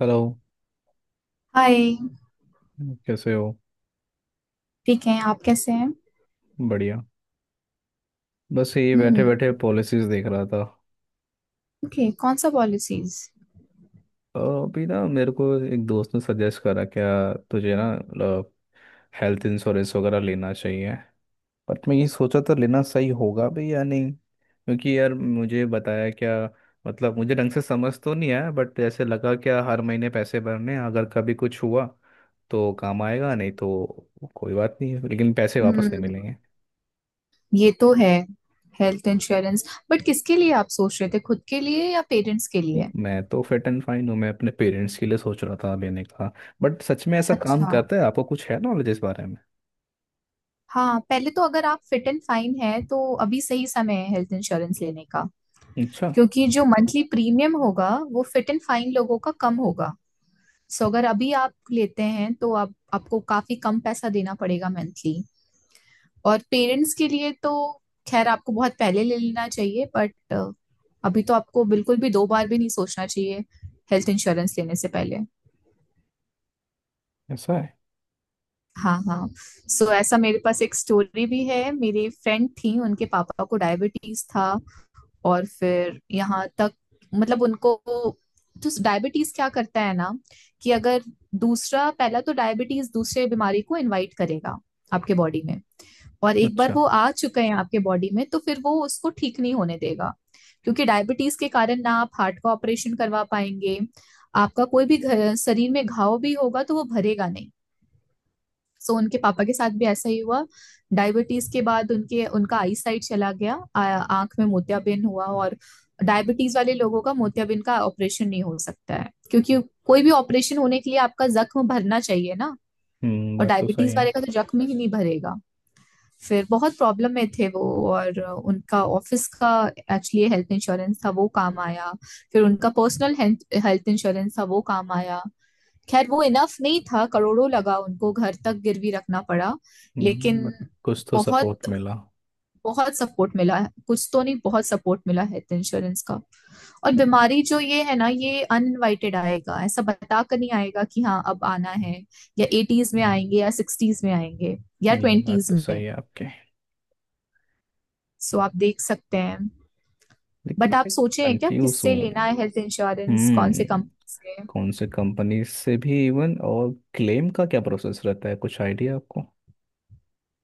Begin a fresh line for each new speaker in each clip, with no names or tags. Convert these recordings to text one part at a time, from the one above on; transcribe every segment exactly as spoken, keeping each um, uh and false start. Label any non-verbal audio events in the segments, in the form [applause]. Hello.
Hi.
कैसे हो?
ठीक है, आप कैसे हैं?
बढ़िया। बस ये बैठे
हम्म।
बैठे पॉलिसीज देख रहा था।
ओके, कौन सा पॉलिसीज?
अ, अभी ना मेरे को एक दोस्त ने सजेस्ट करा क्या तुझे ना मतलब हेल्थ इंश्योरेंस वगैरह लेना चाहिए। बट मैं ये सोचा था लेना सही होगा भी या नहीं, क्योंकि यार मुझे बताया क्या, मतलब मुझे ढंग से समझ तो नहीं आया। बट ऐसे लगा क्या हर महीने पैसे भरने हैं, अगर कभी कुछ हुआ तो काम आएगा, नहीं तो कोई बात नहीं है, लेकिन पैसे वापस नहीं
हम्म,
मिलेंगे।
ये तो है। हेल्थ इंश्योरेंस, बट किसके लिए आप सोच रहे थे, खुद के लिए या पेरेंट्स के
नहीं,
लिए?
मैं तो फिट एंड फाइन हूँ, मैं अपने पेरेंट्स के लिए सोच रहा था लेने का। बट सच में ऐसा काम
अच्छा।
करता है? आपको कुछ है नॉलेज इस बारे में?
हाँ, पहले तो अगर आप फिट एंड फाइन है तो अभी सही समय है हेल्थ इंश्योरेंस लेने का।
अच्छा।
क्योंकि जो मंथली प्रीमियम होगा वो फिट एंड फाइन लोगों का कम होगा। सो अगर अभी आप लेते हैं तो आप आपको काफी कम पैसा देना पड़ेगा मंथली। और पेरेंट्स के लिए तो खैर आपको बहुत पहले ले लेना चाहिए, बट अभी तो आपको बिल्कुल भी दो बार भी नहीं सोचना चाहिए हेल्थ इंश्योरेंस लेने से पहले।
ऐसा है?
हाँ हाँ। सो so, ऐसा मेरे पास एक स्टोरी भी है। मेरी फ्रेंड थी, उनके पापा को डायबिटीज था। और फिर यहाँ तक, मतलब उनको, तो डायबिटीज क्या करता है ना? कि अगर दूसरा पहला तो डायबिटीज दूसरे बीमारी को इनवाइट करेगा आपके बॉडी में। और एक बार
अच्छा।
वो आ चुका है आपके बॉडी में तो फिर वो उसको ठीक नहीं होने देगा। क्योंकि डायबिटीज के कारण ना आप हार्ट का ऑपरेशन करवा पाएंगे। आपका कोई भी घ- शरीर में घाव भी होगा तो वो भरेगा नहीं। सो उनके पापा के साथ भी ऐसा ही हुआ। डायबिटीज के बाद उनके उनका आई साइट चला गया। आ- आंख में मोतियाबिंद हुआ और डायबिटीज वाले लोगों का मोतियाबिंद का ऑपरेशन नहीं हो सकता है, क्योंकि कोई भी ऑपरेशन होने के लिए आपका जख्म भरना चाहिए ना।
हम्म,
और
बात तो सही
डायबिटीज
है।
वाले का तो जख्म ही नहीं भरेगा। फिर बहुत प्रॉब्लम में थे वो। और उनका ऑफिस का एक्चुअली हेल्थ इंश्योरेंस था, वो काम आया। फिर उनका पर्सनल हेल्थ इंश्योरेंस था, वो काम आया। खैर वो इनफ नहीं था, करोड़ों लगा, उनको घर तक गिरवी रखना पड़ा। लेकिन
हम्म। बट कुछ तो
बहुत,
सपोर्ट मिला।
बहुत सपोर्ट मिला है, कुछ तो नहीं बहुत सपोर्ट मिला हेल्थ इंश्योरेंस का। और
हम्म।
बीमारी जो ये है ना, ये अनइनवाइटेड आएगा, ऐसा बता कर नहीं आएगा कि हाँ अब आना है। या एटीज में आएंगे या सिक्सटीज में आएंगे या
नहीं, बात
ट्वेंटीज
तो
में।
सही है आपके,
सो आप देख सकते हैं।
लेकिन
बट आप
मैं
सोचे हैं क्या
कंफ्यूज हूँ।
किससे लेना है हेल्थ इंश्योरेंस, कौन से
हम्म।
कंपनी से?
कौन से कंपनी से भी इवन, और क्लेम का क्या प्रोसेस रहता है, कुछ आइडिया आपको?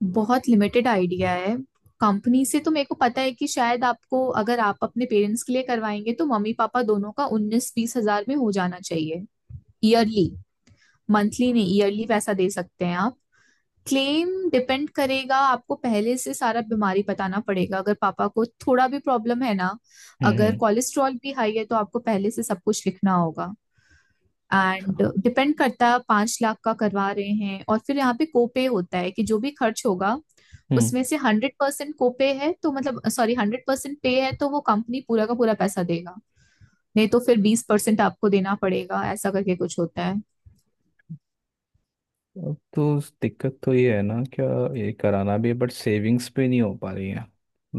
बहुत लिमिटेड आइडिया है। कंपनी से तो मेरे को पता है कि शायद आपको अगर आप अपने पेरेंट्स के लिए करवाएंगे तो मम्मी पापा दोनों का उन्नीस बीस हजार में हो जाना चाहिए ईयरली। मंथली नहीं, ईयरली पैसा दे सकते हैं आप। क्लेम डिपेंड करेगा, आपको पहले से सारा बीमारी बताना पड़ेगा अगर पापा को थोड़ा भी प्रॉब्लम है ना।
हम्म।
अगर
हम्म।
कोलेस्ट्रॉल भी हाई है तो आपको पहले से सब कुछ लिखना होगा। एंड डिपेंड करता है, पांच लाख का करवा रहे हैं और फिर यहाँ पे कोपे होता है कि जो भी खर्च होगा
अच्छा।
उसमें से हंड्रेड परसेंट कोपे है तो मतलब सॉरी हंड्रेड परसेंट पे है तो वो कंपनी पूरा का पूरा पैसा देगा। नहीं तो फिर बीस परसेंट आपको देना पड़ेगा, ऐसा करके कुछ होता है।
अब तो उस दिक्कत तो ये है ना क्या, ये कराना भी है बट सेविंग्स पे नहीं हो पा रही है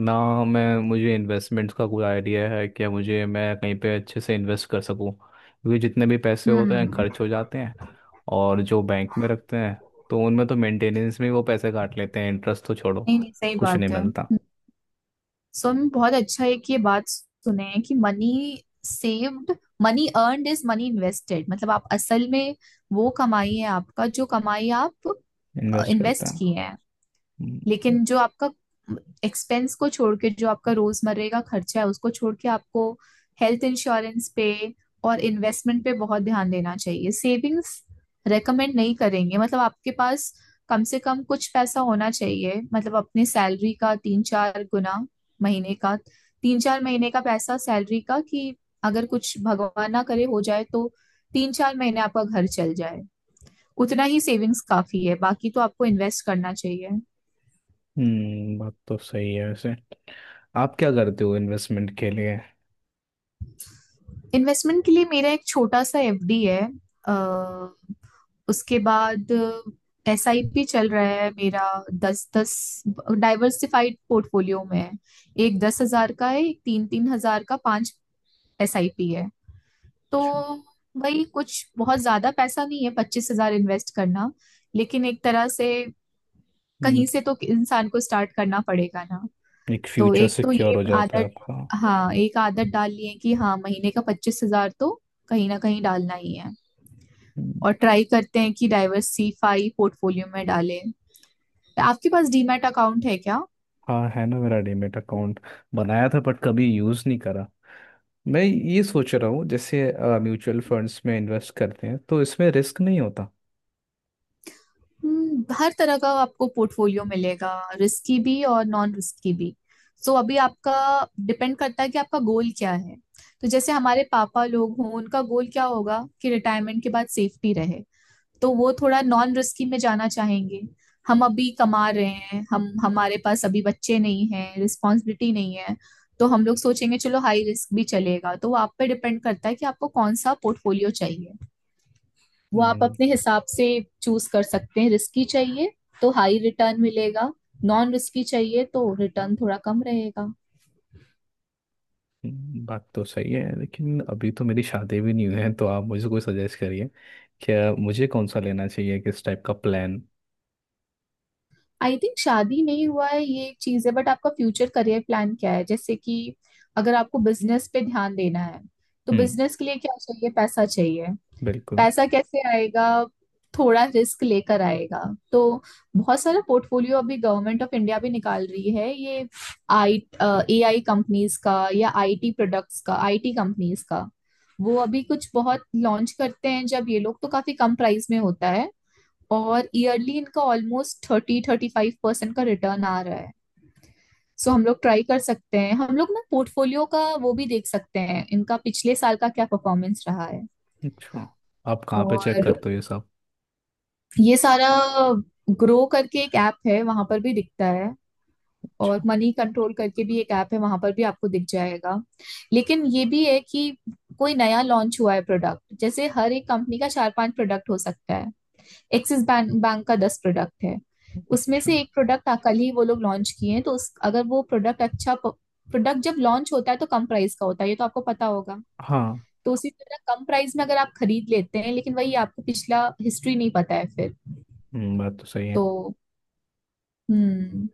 ना। मैं मुझे इन्वेस्टमेंट्स का कोई आइडिया है कि मुझे, मैं कहीं पे अच्छे से इन्वेस्ट कर सकूं, क्योंकि जितने भी पैसे होते हैं
हम्म।
खर्च हो जाते हैं। और जो बैंक में रखते हैं तो उनमें तो मेंटेनेंस में वो पैसे काट लेते हैं, इंटरेस्ट तो छोड़ो,
नहीं नहीं, सही
कुछ नहीं
बात है।
मिलता।
सो में बहुत अच्छा है कि ये बात सुने हैं कि money saved money earned is money invested. मतलब आप असल में वो कमाई है आपका, जो कमाई आप
इन्वेस्ट करते
इन्वेस्ट
हैं।
किए हैं।
हम्म।
लेकिन जो आपका एक्सपेंस को छोड़ के, जो आपका रोजमर्रे का खर्चा है उसको छोड़ के, आपको हेल्थ इंश्योरेंस पे और इन्वेस्टमेंट पे बहुत ध्यान देना चाहिए। सेविंग्स रेकमेंड नहीं करेंगे, मतलब आपके पास कम से कम कुछ पैसा होना चाहिए, मतलब अपने सैलरी का तीन चार गुना, महीने का, तीन चार महीने का पैसा सैलरी का, कि अगर कुछ भगवान ना करे हो जाए तो तीन चार महीने आपका घर चल जाए। उतना ही सेविंग्स काफी है, बाकी तो आपको इन्वेस्ट करना चाहिए।
हम्म, बात तो सही है वैसे। आप क्या करते हो इन्वेस्टमेंट के लिए?
इन्वेस्टमेंट के लिए मेरा एक छोटा सा एफडी है। अ, उसके बाद एसआईपी चल रहा है मेरा। दस दस डाइवर्सिफाइड पोर्टफोलियो में है। एक दस हजार का है, एक तीन तीन हजार का, पांच एसआईपी है। तो
अच्छा।
भाई कुछ बहुत ज्यादा पैसा नहीं है, पच्चीस हजार इन्वेस्ट करना। लेकिन एक तरह से,
हम्म।
कहीं से तो इंसान को स्टार्ट करना पड़ेगा ना।
एक
तो
फ्यूचर
एक तो
सिक्योर
ये
हो जाता है
आदत,
आपका।
हाँ एक आदत डाल ली है कि हाँ महीने का पच्चीस हजार तो कहीं ना कहीं डालना ही है।
हम्म।
और ट्राई करते हैं कि डाइवर्सिफाई पोर्टफोलियो में डालें। आपके पास डीमैट अकाउंट है क्या?
हाँ है ना, मेरा डीमेट अकाउंट बनाया था बट कभी यूज़ नहीं करा। मैं ये सोच रहा हूँ जैसे म्यूचुअल फंड्स में इन्वेस्ट करते हैं तो इसमें रिस्क नहीं होता?
हम्म, हर तरह का आपको पोर्टफोलियो मिलेगा, रिस्की भी और नॉन रिस्की भी। सो so, अभी आपका डिपेंड करता है कि आपका गोल क्या है। तो जैसे हमारे पापा लोग हों, उनका गोल क्या होगा कि रिटायरमेंट के बाद सेफ्टी रहे, तो वो थोड़ा नॉन रिस्की में जाना चाहेंगे। हम अभी कमा रहे हैं, हम हमारे पास अभी बच्चे नहीं हैं, रिस्पॉन्सिबिलिटी नहीं है, तो हम लोग सोचेंगे चलो हाई रिस्क भी चलेगा। तो वो आप पे डिपेंड करता है कि आपको कौन सा पोर्टफोलियो चाहिए। वो आप
हम्म।
अपने हिसाब से चूज कर सकते हैं। रिस्की चाहिए तो हाई रिटर्न मिलेगा, नॉन रिस्की चाहिए तो रिटर्न थोड़ा कम रहेगा।
हम्म, बात तो सही है, लेकिन अभी तो मेरी शादी भी नहीं हुई है, तो आप मुझे कोई सजेस्ट करिए क्या मुझे कौन सा लेना चाहिए, किस टाइप का प्लान।
आई थिंक शादी नहीं हुआ है ये एक चीज है, बट आपका फ्यूचर करियर प्लान क्या है? जैसे कि अगर आपको बिजनेस पे ध्यान देना है तो
हम्म।
बिजनेस के लिए क्या चाहिए? पैसा चाहिए।
बिल्कुल।
पैसा कैसे आएगा? थोड़ा रिस्क लेकर आएगा। तो बहुत सारा पोर्टफोलियो अभी गवर्नमेंट ऑफ इंडिया भी निकाल रही है, ये आई ए आई कंपनीज का या आईटी प्रोडक्ट्स का आईटी कंपनीज का। वो अभी कुछ बहुत लॉन्च करते हैं जब ये लोग, तो काफी कम प्राइस में होता है और ईयरली इनका almost thirty thirty five percent का रिटर्न आ रहा है। सो हम लोग ट्राई कर सकते हैं, हम लोग ना पोर्टफोलियो का वो भी देख सकते हैं इनका पिछले साल का क्या परफॉर्मेंस रहा है।
अच्छा। आप कहाँ पे चेक
और
करते हो ये सब?
ये सारा ग्रो करके एक ऐप है, वहां पर भी दिखता है। और
अच्छा।
मनी कंट्रोल करके भी एक ऐप है, वहां पर भी आपको दिख जाएगा। लेकिन ये भी है कि कोई नया लॉन्च हुआ है प्रोडक्ट, जैसे हर एक कंपनी का चार पांच प्रोडक्ट हो सकता है। एक्सिस बैंक बैंक का दस प्रोडक्ट है। उसमें
अच्छा।
से एक प्रोडक्ट कल ही वो लोग लॉन्च किए हैं तो उस अगर वो प्रोडक्ट, अच्छा प्रोडक्ट जब लॉन्च होता है तो कम प्राइस का होता है, ये तो आपको पता होगा।
हाँ।
तो उसी तरह कम प्राइस में अगर आप खरीद लेते हैं, लेकिन वही आपको पिछला हिस्ट्री नहीं पता है फिर।
हम्म, बात तो सही है।
तो हम्म।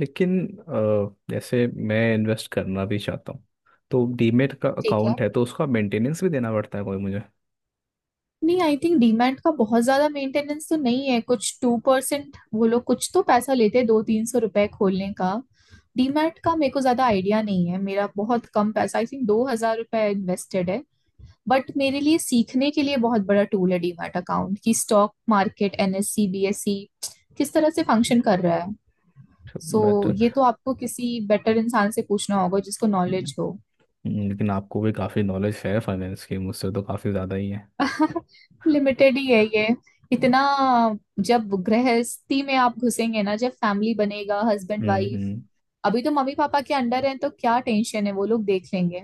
लेकिन अ, जैसे मैं इन्वेस्ट करना भी चाहता हूँ, तो डीमेट का
ठीक है,
अकाउंट है तो उसका मेंटेनेंस भी देना पड़ता है कोई मुझे?
नहीं आई थिंक डीमैट का बहुत ज्यादा मेंटेनेंस तो नहीं है कुछ, टू परसेंट वो लोग कुछ तो पैसा लेते हैं, दो तीन सौ रुपए खोलने का। डीमैट का मेरे को ज्यादा आइडिया नहीं है, मेरा बहुत कम पैसा आई थिंक दो हजार रुपये इन्वेस्टेड है। बट मेरे लिए सीखने के लिए बहुत बड़ा टूल है डीमैट अकाउंट कि स्टॉक मार्केट एनएससी बीएससी किस तरह से फंक्शन कर रहा है। सो
बट
so, ये तो आपको किसी बेटर इंसान से पूछना होगा जिसको नॉलेज हो।
लेकिन आपको भी काफ़ी नॉलेज है फाइनेंस की, मुझसे तो काफ़ी ज़्यादा ही है।
[laughs] लिमिटेड ही है ये इतना। जब गृहस्थी में आप घुसेंगे ना, जब फैमिली बनेगा हस्बैंड
हम्म।
वाइफ।
हम्म।
अभी तो मम्मी पापा के अंडर हैं तो क्या टेंशन है, वो लोग देख लेंगे।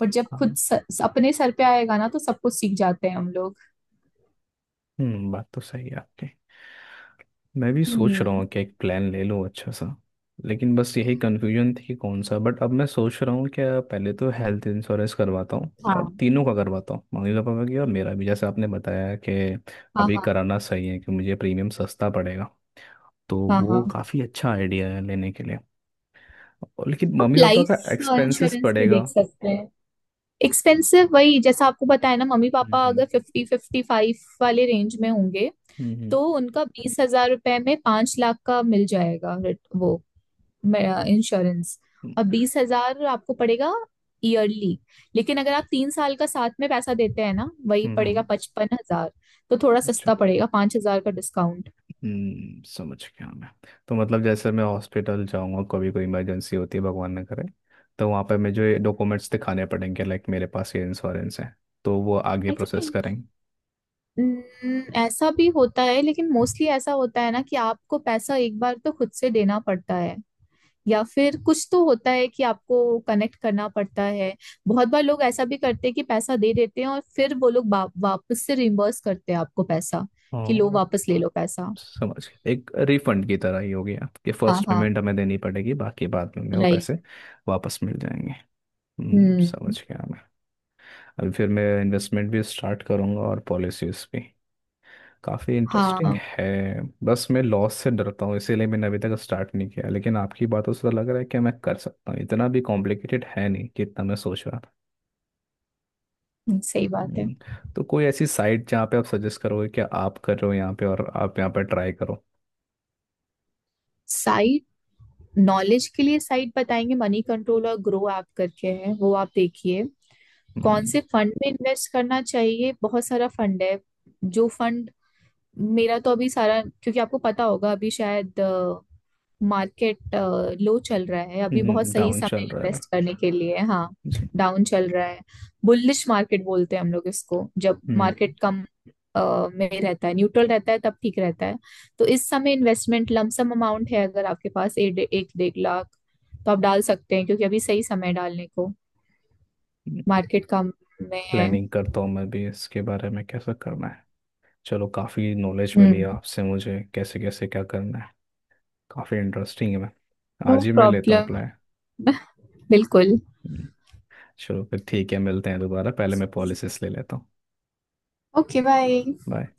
बट जब खुद
हाँ।
स, अपने सर पे आएगा ना तो सब कुछ सीख जाते हैं हम लोग।
हम्म, बात तो सही है आपकी। मैं भी सोच
हम्म।
रहा हूँ कि एक प्लान ले लूँ अच्छा सा। लेकिन बस यही कन्फ्यूजन थी कि कौन सा, बट अब मैं सोच रहा हूँ क्या पहले तो हेल्थ इंश्योरेंस करवाता हूँ, और
हाँ,
तीनों का करवाता हूँ, मम्मी पापा का भी और मेरा भी, जैसे आपने बताया कि
हाँ,
अभी
हाँ,
कराना सही है कि मुझे प्रीमियम सस्ता पड़ेगा, तो
हाँ,
वो
हाँ।
काफ़ी अच्छा आइडिया है लेने के लिए। और लेकिन
आप
मम्मी पापा
लाइफ
का एक्सपेंसेस
इंश्योरेंस भी
पड़ेगा।
देख सकते हैं। एक्सपेंसिव, वही जैसा आपको बताया ना, मम्मी
हम्म।
पापा अगर
हम्म।
फिफ्टी फिफ्टी फाइव वाले रेंज में होंगे
हम्म।
तो उनका बीस हजार रुपए में पांच लाख का मिल जाएगा, रिट- वो इंश्योरेंस।
हम्म।
और बीस हजार आपको पड़ेगा ईयरली। लेकिन अगर आप तीन साल का साथ में पैसा देते हैं ना, वही
हम्म।
पड़ेगा
हम्म।
पचपन हजार। तो थोड़ा
अच्छा।
सस्ता पड़ेगा, पांच हजार का डिस्काउंट।
हम्म, समझ गया मैं। तो मतलब जैसे मैं हॉस्पिटल जाऊंगा कभी, कोई इमरजेंसी होती है भगवान ना करे, तो वहाँ पे मैं जो ये डॉक्यूमेंट्स दिखाने पड़ेंगे लाइक मेरे पास ये इंश्योरेंस है, तो वो आगे
आई
प्रोसेस
थिंक
करेंगे?
न- ऐसा भी होता है, लेकिन मोस्टली ऐसा होता है ना कि आपको पैसा एक बार तो खुद से देना पड़ता है। या फिर कुछ तो होता है कि आपको कनेक्ट करना पड़ता है। बहुत बार लोग ऐसा भी करते हैं कि पैसा दे देते हैं और फिर वो लोग वा, वापस से रिम्बर्स करते हैं आपको पैसा, कि लो
और
वापस ले लो पैसा।
समझ गया, एक रिफंड की तरह ही हो गया कि
हाँ
फर्स्ट
हाँ।
पेमेंट हमें देनी पड़ेगी, बाकी बाद में हमें वो
राइट।
पैसे वापस मिल जाएंगे। हम्म,
हम्म।
समझ गया मैं। अभी फिर मैं इन्वेस्टमेंट भी स्टार्ट करूंगा और पॉलिसीज भी। काफ़ी इंटरेस्टिंग
हाँ
है। बस मैं लॉस से डरता हूँ इसीलिए मैंने अभी तक स्टार्ट नहीं किया, लेकिन आपकी बातों से तो लग रहा है कि मैं कर सकता हूँ, इतना भी कॉम्प्लिकेटेड है नहीं जितना मैं सोच रहा था।
सही बात है।
हम्म। तो कोई ऐसी साइट जहाँ पे आप सजेस्ट करोगे कि आप कर रहे हो यहाँ पे और आप यहाँ पे ट्राई करो?
साइट, नॉलेज के लिए साइट बताएंगे मनी कंट्रोल और ग्रो ऐप करके है, वो आप देखिए। कौन
हम्म।
से फंड में इन्वेस्ट करना चाहिए, बहुत सारा फंड है। जो फंड मेरा तो अभी सारा, क्योंकि आपको पता होगा अभी शायद मार्केट लो चल रहा है, अभी बहुत सही
डाउन
समय
चल रहा है अभी?
इन्वेस्ट करने के लिए। हाँ
जी।
डाउन चल रहा है। बुलिश मार्केट बोलते हैं हम लोग इसको, जब
हम्म।
मार्केट कम अ, में रहता है, न्यूट्रल रहता है तब ठीक रहता है। तो इस समय इन्वेस्टमेंट लमसम अमाउंट है, अगर आपके पास एक एक डेढ़ लाख तो आप डाल सकते हैं क्योंकि अभी सही समय है डालने को, मार्केट कम में है।
प्लानिंग करता हूँ मैं भी इसके बारे में, कैसा करना है। चलो, काफ़ी नॉलेज मिली
हम्म।
आपसे मुझे कैसे कैसे क्या करना है। काफ़ी इंटरेस्टिंग है। मैं
नो
आज ही मैं लेता हूँ
प्रॉब्लम।
अप्लाई।
[laughs] बिल्कुल।
चलो फिर ठीक है, मिलते हैं दोबारा, पहले मैं पॉलिसिस ले लेता हूँ।
Okay, bye.
बाय।